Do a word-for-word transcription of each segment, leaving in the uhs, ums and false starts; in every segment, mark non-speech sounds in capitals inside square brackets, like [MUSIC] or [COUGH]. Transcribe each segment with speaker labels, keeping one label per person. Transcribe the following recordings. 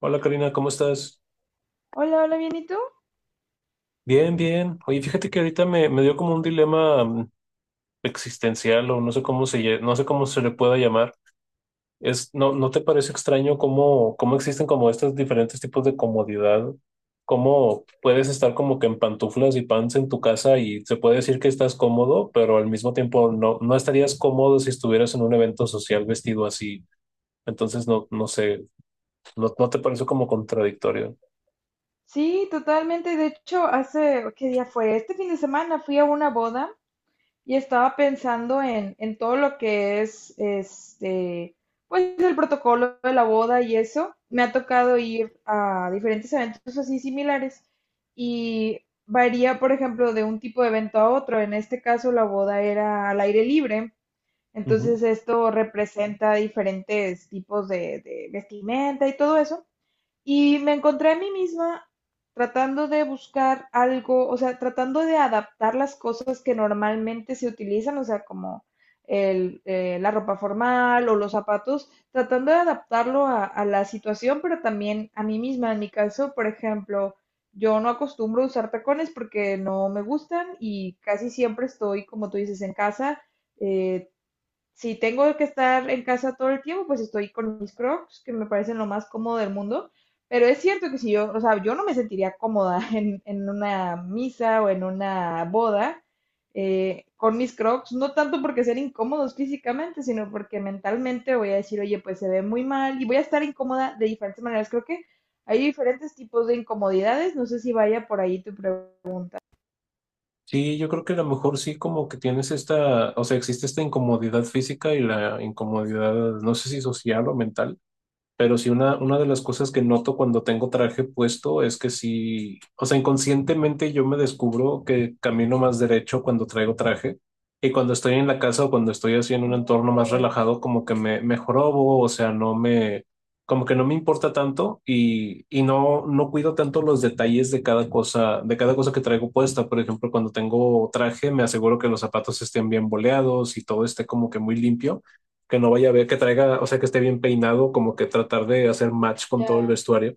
Speaker 1: Hola Karina, ¿cómo estás?
Speaker 2: Hola, hola, ¿bien y tú?
Speaker 1: Bien, bien. Oye, fíjate que ahorita me, me dio como un dilema mm, existencial o no sé cómo se, lle- no sé cómo se le pueda llamar. Es, ¿no, no te parece extraño cómo, cómo existen como estos diferentes tipos de comodidad? ¿Cómo puedes estar como que en pantuflas y pants en tu casa y se puede decir que estás cómodo, pero al mismo tiempo no, no estarías cómodo si estuvieras en un evento social vestido así? Entonces, no, no sé, ¿no, no te parece como contradictorio?
Speaker 2: Sí, totalmente. De hecho, hace, ¿qué día fue? Este fin de semana fui a una boda y estaba pensando en, en todo lo que es, este, pues el protocolo de la boda y eso. Me ha tocado ir a diferentes eventos así similares y varía, por ejemplo, de un tipo de evento a otro. En este caso, la boda era al aire libre. Entonces, esto representa diferentes tipos de de vestimenta y todo eso. Y me encontré a mí misma tratando de buscar algo, o sea, tratando de adaptar las cosas que normalmente se utilizan, o sea, como el, eh, la ropa formal o los zapatos, tratando de adaptarlo a, a la situación, pero también a mí misma. En mi caso, por ejemplo, yo no acostumbro a usar tacones porque no me gustan y casi siempre estoy, como tú dices, en casa. eh, si tengo que estar en casa todo el tiempo, pues estoy con mis crocs, que me parecen lo más cómodo del mundo. Pero es cierto que si yo, o sea, yo no me sentiría cómoda [LAUGHS] en, en una misa o en una boda eh, con mis crocs, no tanto porque sean incómodos físicamente, sino porque mentalmente voy a decir, oye, pues se ve muy mal y voy a estar incómoda de diferentes maneras. Creo que hay diferentes tipos de incomodidades. No sé si vaya por ahí tu pregunta.
Speaker 1: Sí, yo creo que a lo mejor sí como que tienes esta, o sea, existe esta incomodidad física y la incomodidad, no sé si social o mental. Pero sí, una, una de las cosas que noto cuando tengo traje puesto es que sí, o sea, inconscientemente yo me descubro que camino más derecho cuando traigo traje y cuando estoy en la casa o cuando estoy así en un
Speaker 2: Ok,
Speaker 1: entorno más relajado, como que me, me jorobo, o sea, no me, como que no me importa tanto y, y no, no cuido tanto los detalles de cada cosa, de cada cosa que traigo puesta. Por ejemplo, cuando tengo traje, me aseguro que los zapatos estén bien boleados y todo esté como que muy limpio que no vaya a ver, que traiga, o sea, que esté bien peinado, como que tratar de hacer match con todo el
Speaker 2: ya,
Speaker 1: vestuario.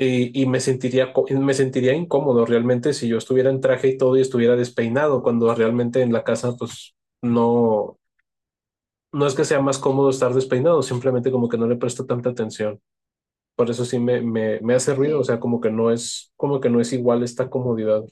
Speaker 1: Y, y me sentiría, co- me sentiría incómodo realmente si yo estuviera en traje y todo y estuviera despeinado, cuando realmente en la casa, pues no, no es que sea más cómodo estar despeinado, simplemente como que no le presto tanta atención. Por eso sí me, me, me hace ruido, o sea,
Speaker 2: sí.
Speaker 1: como que no es, como que no es igual esta comodidad.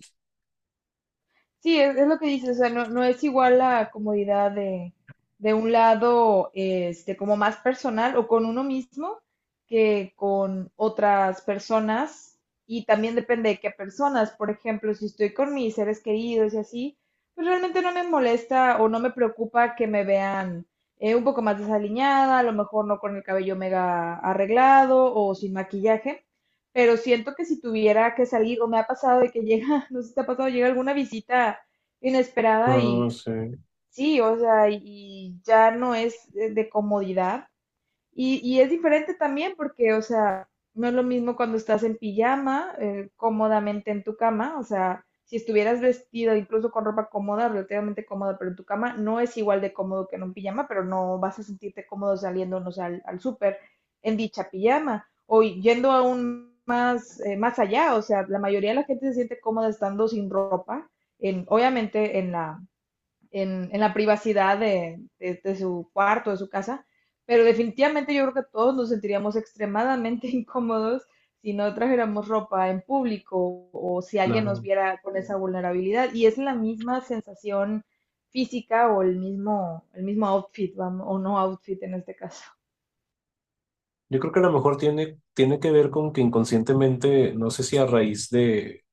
Speaker 2: Sí, es, es lo que dices, o sea, no, no es igual la comodidad de, de un lado, este, como más personal o con uno mismo que con otras personas. Y también depende de qué personas. Por ejemplo, si estoy con mis seres queridos y así, pues realmente no me molesta o no me preocupa que me vean eh, un poco más desaliñada, a lo mejor no con el cabello mega arreglado o sin maquillaje, pero siento que si tuviera que salir, o me ha pasado de que llega, [LAUGHS] no sé si te ha pasado, llega alguna visita inesperada y
Speaker 1: No, sí,
Speaker 2: sí, o sea, y, y ya no es de de comodidad, y, y es diferente también porque, o sea, no es lo mismo cuando estás en pijama, eh, cómodamente en tu cama, o sea, si estuvieras vestido incluso con ropa cómoda, relativamente cómoda, pero en tu cama, no es igual de cómodo que en un pijama, pero no vas a sentirte cómodo saliéndonos al, al súper en dicha pijama o yendo aún más, eh, más allá, o sea, la mayoría de la gente se siente cómoda estando sin ropa, en, obviamente en la en, en la privacidad de, de, de, su cuarto, de su casa, pero definitivamente yo creo que todos nos sentiríamos extremadamente [LAUGHS] incómodos si no trajéramos ropa en público o si alguien nos
Speaker 1: claro.
Speaker 2: viera con esa vulnerabilidad. Y es la misma sensación física o el mismo, el mismo outfit, vamos, o no outfit en este caso.
Speaker 1: Yo creo que a lo mejor tiene, tiene que ver con que inconscientemente, no sé si a raíz de,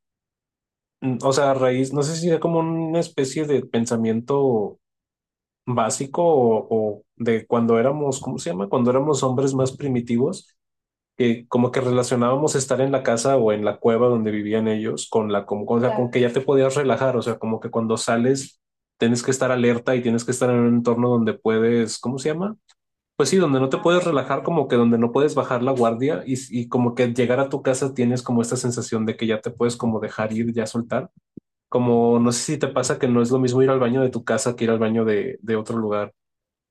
Speaker 1: Mm, o sea, a raíz, no sé si era como una especie de pensamiento básico o, o de cuando éramos, ¿cómo se llama? Cuando éramos hombres más primitivos, que como que relacionábamos estar en la casa o en la cueva donde vivían ellos con la, con, con, o sea, con que
Speaker 2: Claro.
Speaker 1: ya te podías relajar, o sea, como que cuando sales tienes que estar alerta y tienes que estar en un entorno donde puedes, ¿cómo se llama? Pues sí, donde no te puedes relajar, como que donde no puedes bajar la guardia y, y como que llegar a tu casa tienes como esta sensación de que ya te puedes como dejar ir, ya soltar. Como no sé si te pasa que no es lo mismo ir al baño de tu casa que ir al baño de, de otro lugar.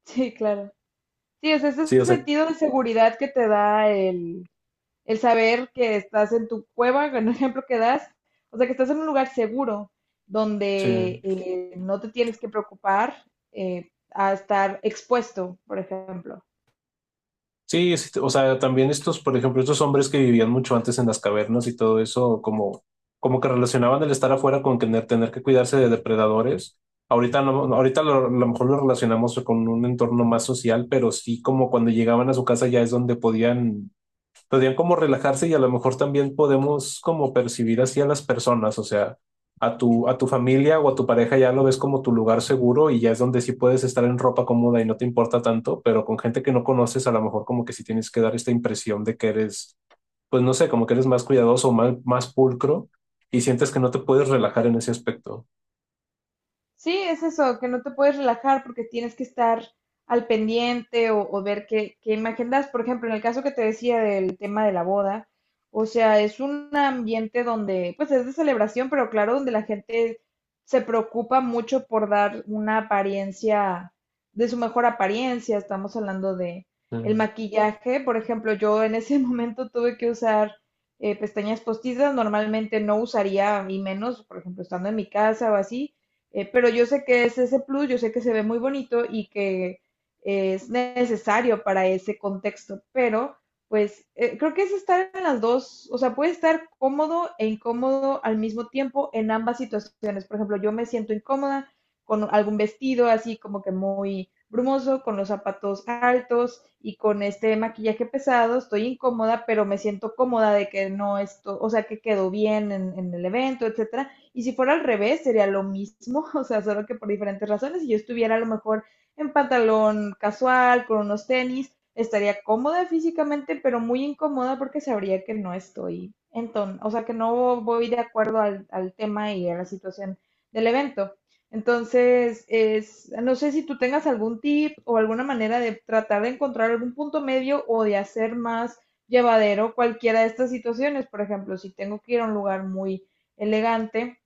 Speaker 2: Sí, claro. Sí, es ese
Speaker 1: Sí, o sea,
Speaker 2: sentido de seguridad que te da el, el saber que estás en tu cueva, con el ejemplo que das, o sea, que estás en un lugar seguro
Speaker 1: sí.
Speaker 2: donde eh, no te tienes que preocupar eh, a estar expuesto, por ejemplo.
Speaker 1: Sí, sí, o sea, también estos, por ejemplo, estos hombres que vivían mucho antes en las cavernas y todo eso, como, como que relacionaban el estar afuera con tener, tener que cuidarse de depredadores. Ahorita no, no, ahorita lo- a lo mejor lo relacionamos con un entorno más social, pero sí como cuando llegaban a su casa ya es donde podían podrían como relajarse y a lo mejor también podemos como percibir así a las personas, o sea, a tu, a tu familia o a tu pareja ya lo ves como tu lugar seguro y ya es donde sí puedes estar en ropa cómoda y no te importa tanto, pero con gente que no conoces a lo mejor como que sí tienes que dar esta impresión de que eres, pues no sé, como que eres más cuidadoso o más, más pulcro y sientes que no te puedes relajar en ese aspecto.
Speaker 2: Sí, es eso, que no te puedes relajar porque tienes que estar al pendiente o, o ver qué, qué imagen das. Por ejemplo, en el caso que te decía del tema de la boda, o sea, es un ambiente donde, pues es de celebración, pero claro, donde la gente se preocupa mucho por dar una apariencia, de su mejor apariencia. Estamos hablando de el
Speaker 1: Mm.
Speaker 2: maquillaje, por ejemplo, yo en ese [LAUGHS] momento tuve que usar eh, pestañas postizas, normalmente no usaría, y menos, por ejemplo, estando en mi casa o así, eh, pero yo sé que es ese plus, yo sé que se ve muy bonito y que es necesario para ese contexto, pero pues eh, creo que es estar en las dos, o sea, puede estar cómodo e incómodo al mismo tiempo en ambas situaciones. Por ejemplo, yo me siento incómoda con algún vestido así como que muy brumoso, con los zapatos altos y con este maquillaje pesado, estoy incómoda, pero me siento cómoda de que no esto, o sea, que quedó bien en, en el evento, etcétera. Y si fuera al revés, sería lo mismo, [LAUGHS] o sea, solo que por diferentes razones. Si yo estuviera a lo mejor en pantalón casual, con unos tenis, estaría cómoda físicamente, pero muy incómoda porque sabría que no estoy, entonces, o sea, que no voy de acuerdo al, al tema y a la situación del evento. Entonces, es, no sé si tú tengas algún tip o alguna manera de tratar de encontrar algún punto medio o de hacer más llevadero cualquiera de estas situaciones. Por ejemplo, si tengo que ir a un lugar muy elegante,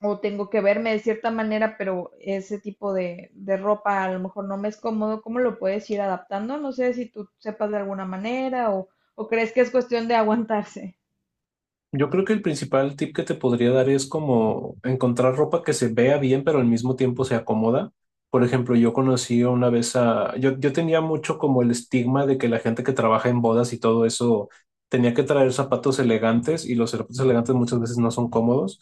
Speaker 2: o tengo que verme de cierta manera, pero ese tipo de, de ropa a lo mejor no me es cómodo, ¿cómo lo puedes ir adaptando? No sé si tú sepas de alguna manera, o, o crees que es cuestión de aguantarse.
Speaker 1: Yo creo que el principal tip que te podría dar es como encontrar ropa que se vea bien, pero al mismo tiempo se acomoda. Por ejemplo, yo conocí una vez a... Yo, yo tenía mucho como el estigma de que la gente que trabaja en bodas y todo eso tenía que traer zapatos elegantes y los zapatos elegantes muchas veces no son cómodos.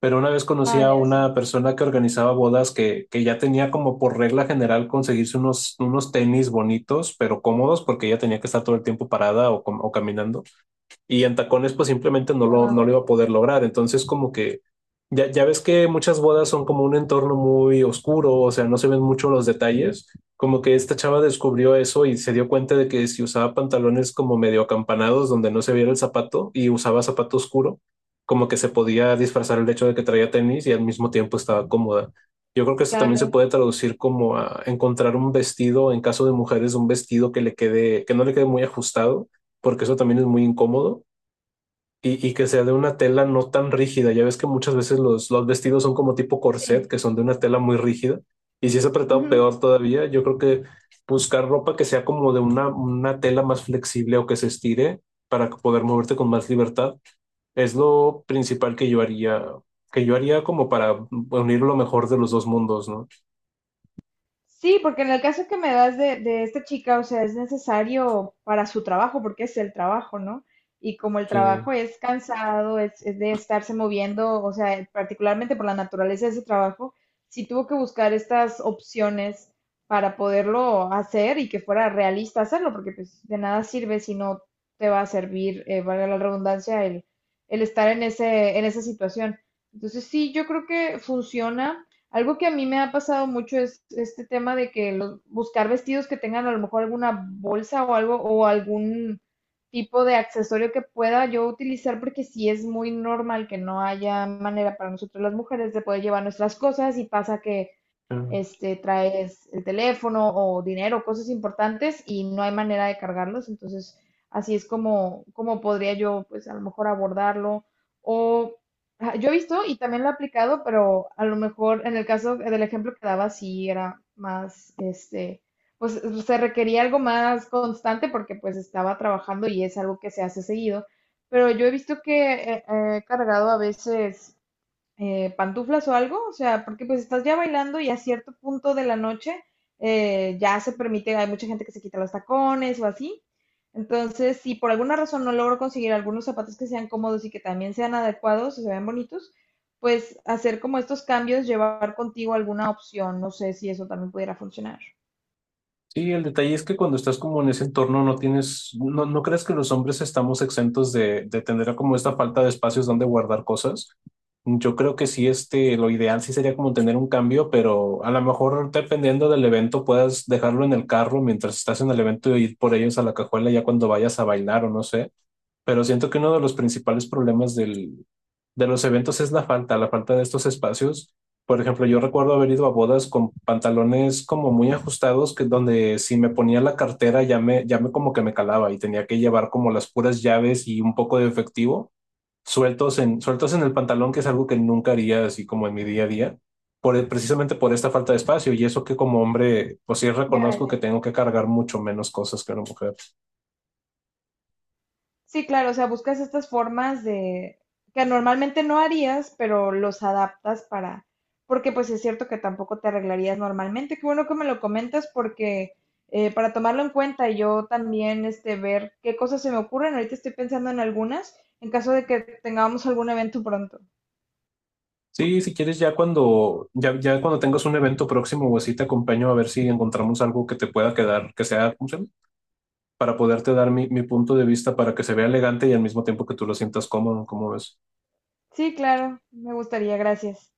Speaker 1: Pero una vez conocí
Speaker 2: Ah,
Speaker 1: a
Speaker 2: ya
Speaker 1: una
Speaker 2: sé.
Speaker 1: persona que organizaba bodas que, que ya tenía como por regla general conseguirse unos, unos tenis bonitos, pero cómodos porque ella tenía que estar todo el tiempo parada o com- o caminando y en tacones pues simplemente no lo,
Speaker 2: Ah,
Speaker 1: no lo iba a
Speaker 2: ok.
Speaker 1: poder lograr. Entonces como que ya, ya ves que muchas bodas son como un entorno muy oscuro, o sea, no se ven mucho los detalles. Como que esta chava descubrió eso y se dio cuenta de que si usaba pantalones como medio acampanados donde no se viera el zapato y usaba zapato oscuro, como que se podía disfrazar el hecho de que traía tenis y al mismo tiempo estaba cómoda. Yo creo que esto también se
Speaker 2: Claro,
Speaker 1: puede traducir como a encontrar un vestido, en caso de mujeres, un vestido que le quede, que no le quede muy ajustado, porque eso también es muy incómodo y, y que sea de una tela no tan rígida. Ya ves que muchas veces los, los vestidos son como tipo corset,
Speaker 2: sí.
Speaker 1: que son de una tela muy rígida. Y si es apretado, peor todavía. Yo creo que buscar ropa que sea como de una, una tela más flexible o que se estire para poder moverte con más libertad es lo principal que yo haría, que yo haría como para unir lo mejor de los dos mundos, ¿no?
Speaker 2: Sí, porque en el caso que me das de, de esta chica, o sea, es necesario para su trabajo, porque es el trabajo, ¿no? Y como el
Speaker 1: Sí.
Speaker 2: trabajo es cansado, es, es de estarse moviendo, o sea, particularmente por la naturaleza de ese trabajo, sí tuvo que buscar estas opciones para poderlo hacer y que fuera realista hacerlo, porque pues de nada sirve si no te va a servir, eh, valga la redundancia, el, el estar en ese, en esa situación. Entonces sí, yo creo que funciona. Algo que a mí me ha pasado mucho es este tema de que los- buscar vestidos que tengan a lo mejor alguna bolsa o algo o algún tipo de accesorio que pueda yo utilizar, porque sí es muy normal que no haya manera para nosotros las mujeres de poder llevar nuestras cosas y pasa que este, traes el teléfono o dinero, cosas importantes y no hay manera de cargarlos. Entonces, así es como, como podría yo, pues a lo mejor abordarlo. O ah, yo he visto y también lo he aplicado, pero a lo mejor en el caso del ejemplo que daba, sí era más, este, pues se requería algo más constante porque pues estaba trabajando y es algo que se hace seguido. Pero yo he visto que eh, he cargado a veces eh, pantuflas o algo, o sea, porque pues estás ya bailando y a cierto punto de la noche eh, ya se permite, hay mucha gente que se quita los tacones o así. Entonces, si por alguna razón no logro conseguir algunos zapatos que sean cómodos y que también sean adecuados o se vean bonitos, pues hacer como estos cambios, llevar contigo alguna opción, no sé si eso también pudiera funcionar.
Speaker 1: Sí, el detalle es que cuando estás como en ese entorno no tienes, no, no crees que los hombres estamos exentos de, de tener como esta falta de espacios donde guardar cosas. Yo creo que sí, este, lo ideal sí sería como tener un cambio, pero a lo mejor dependiendo del evento puedas dejarlo en el carro mientras estás en el evento y ir por ellos a la cajuela ya cuando vayas a bailar o no sé pero siento que uno de los principales problemas del, de los eventos es la falta, la falta de estos espacios. Por ejemplo, yo recuerdo haber ido a bodas con pantalones como muy ajustados, que donde si me ponía la cartera ya me, ya me como que me calaba y tenía que llevar como las puras llaves y un poco de efectivo sueltos en, sueltos en el pantalón, que es algo que nunca haría así como en mi día a día, por, el- precisamente por esta falta de espacio. Y eso que como hombre, pues sí reconozco que
Speaker 2: Ya.
Speaker 1: tengo que cargar mucho menos cosas que una mujer.
Speaker 2: Sí, claro, o sea, buscas estas formas de que normalmente no harías, pero los adaptas para, porque pues es cierto que tampoco te arreglarías normalmente. Qué bueno que me lo comentas porque eh, para tomarlo en cuenta y yo también este ver qué cosas se me ocurren. Ahorita estoy pensando en algunas en caso de que tengamos algún evento pronto.
Speaker 1: Sí, si quieres, ya cuando, ya, ya cuando tengas un evento próximo o así, te acompaño a ver si encontramos algo que te pueda quedar, que sea, ¿cómo se llama? Para poderte dar mi, mi punto de vista para que se vea elegante y al mismo tiempo que tú lo sientas cómodo, ¿cómo ves?
Speaker 2: Sí, claro, me gustaría, gracias.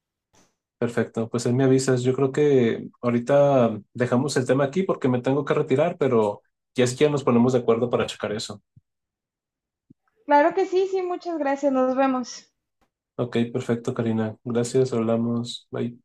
Speaker 1: Perfecto, pues ahí me avisas. Yo creo que ahorita dejamos el tema aquí porque me tengo que retirar, pero ya es que ya nos ponemos de acuerdo para checar eso.
Speaker 2: Claro que sí, sí, muchas gracias, nos vemos.
Speaker 1: Ok, perfecto, Karina. Gracias, hablamos. Bye.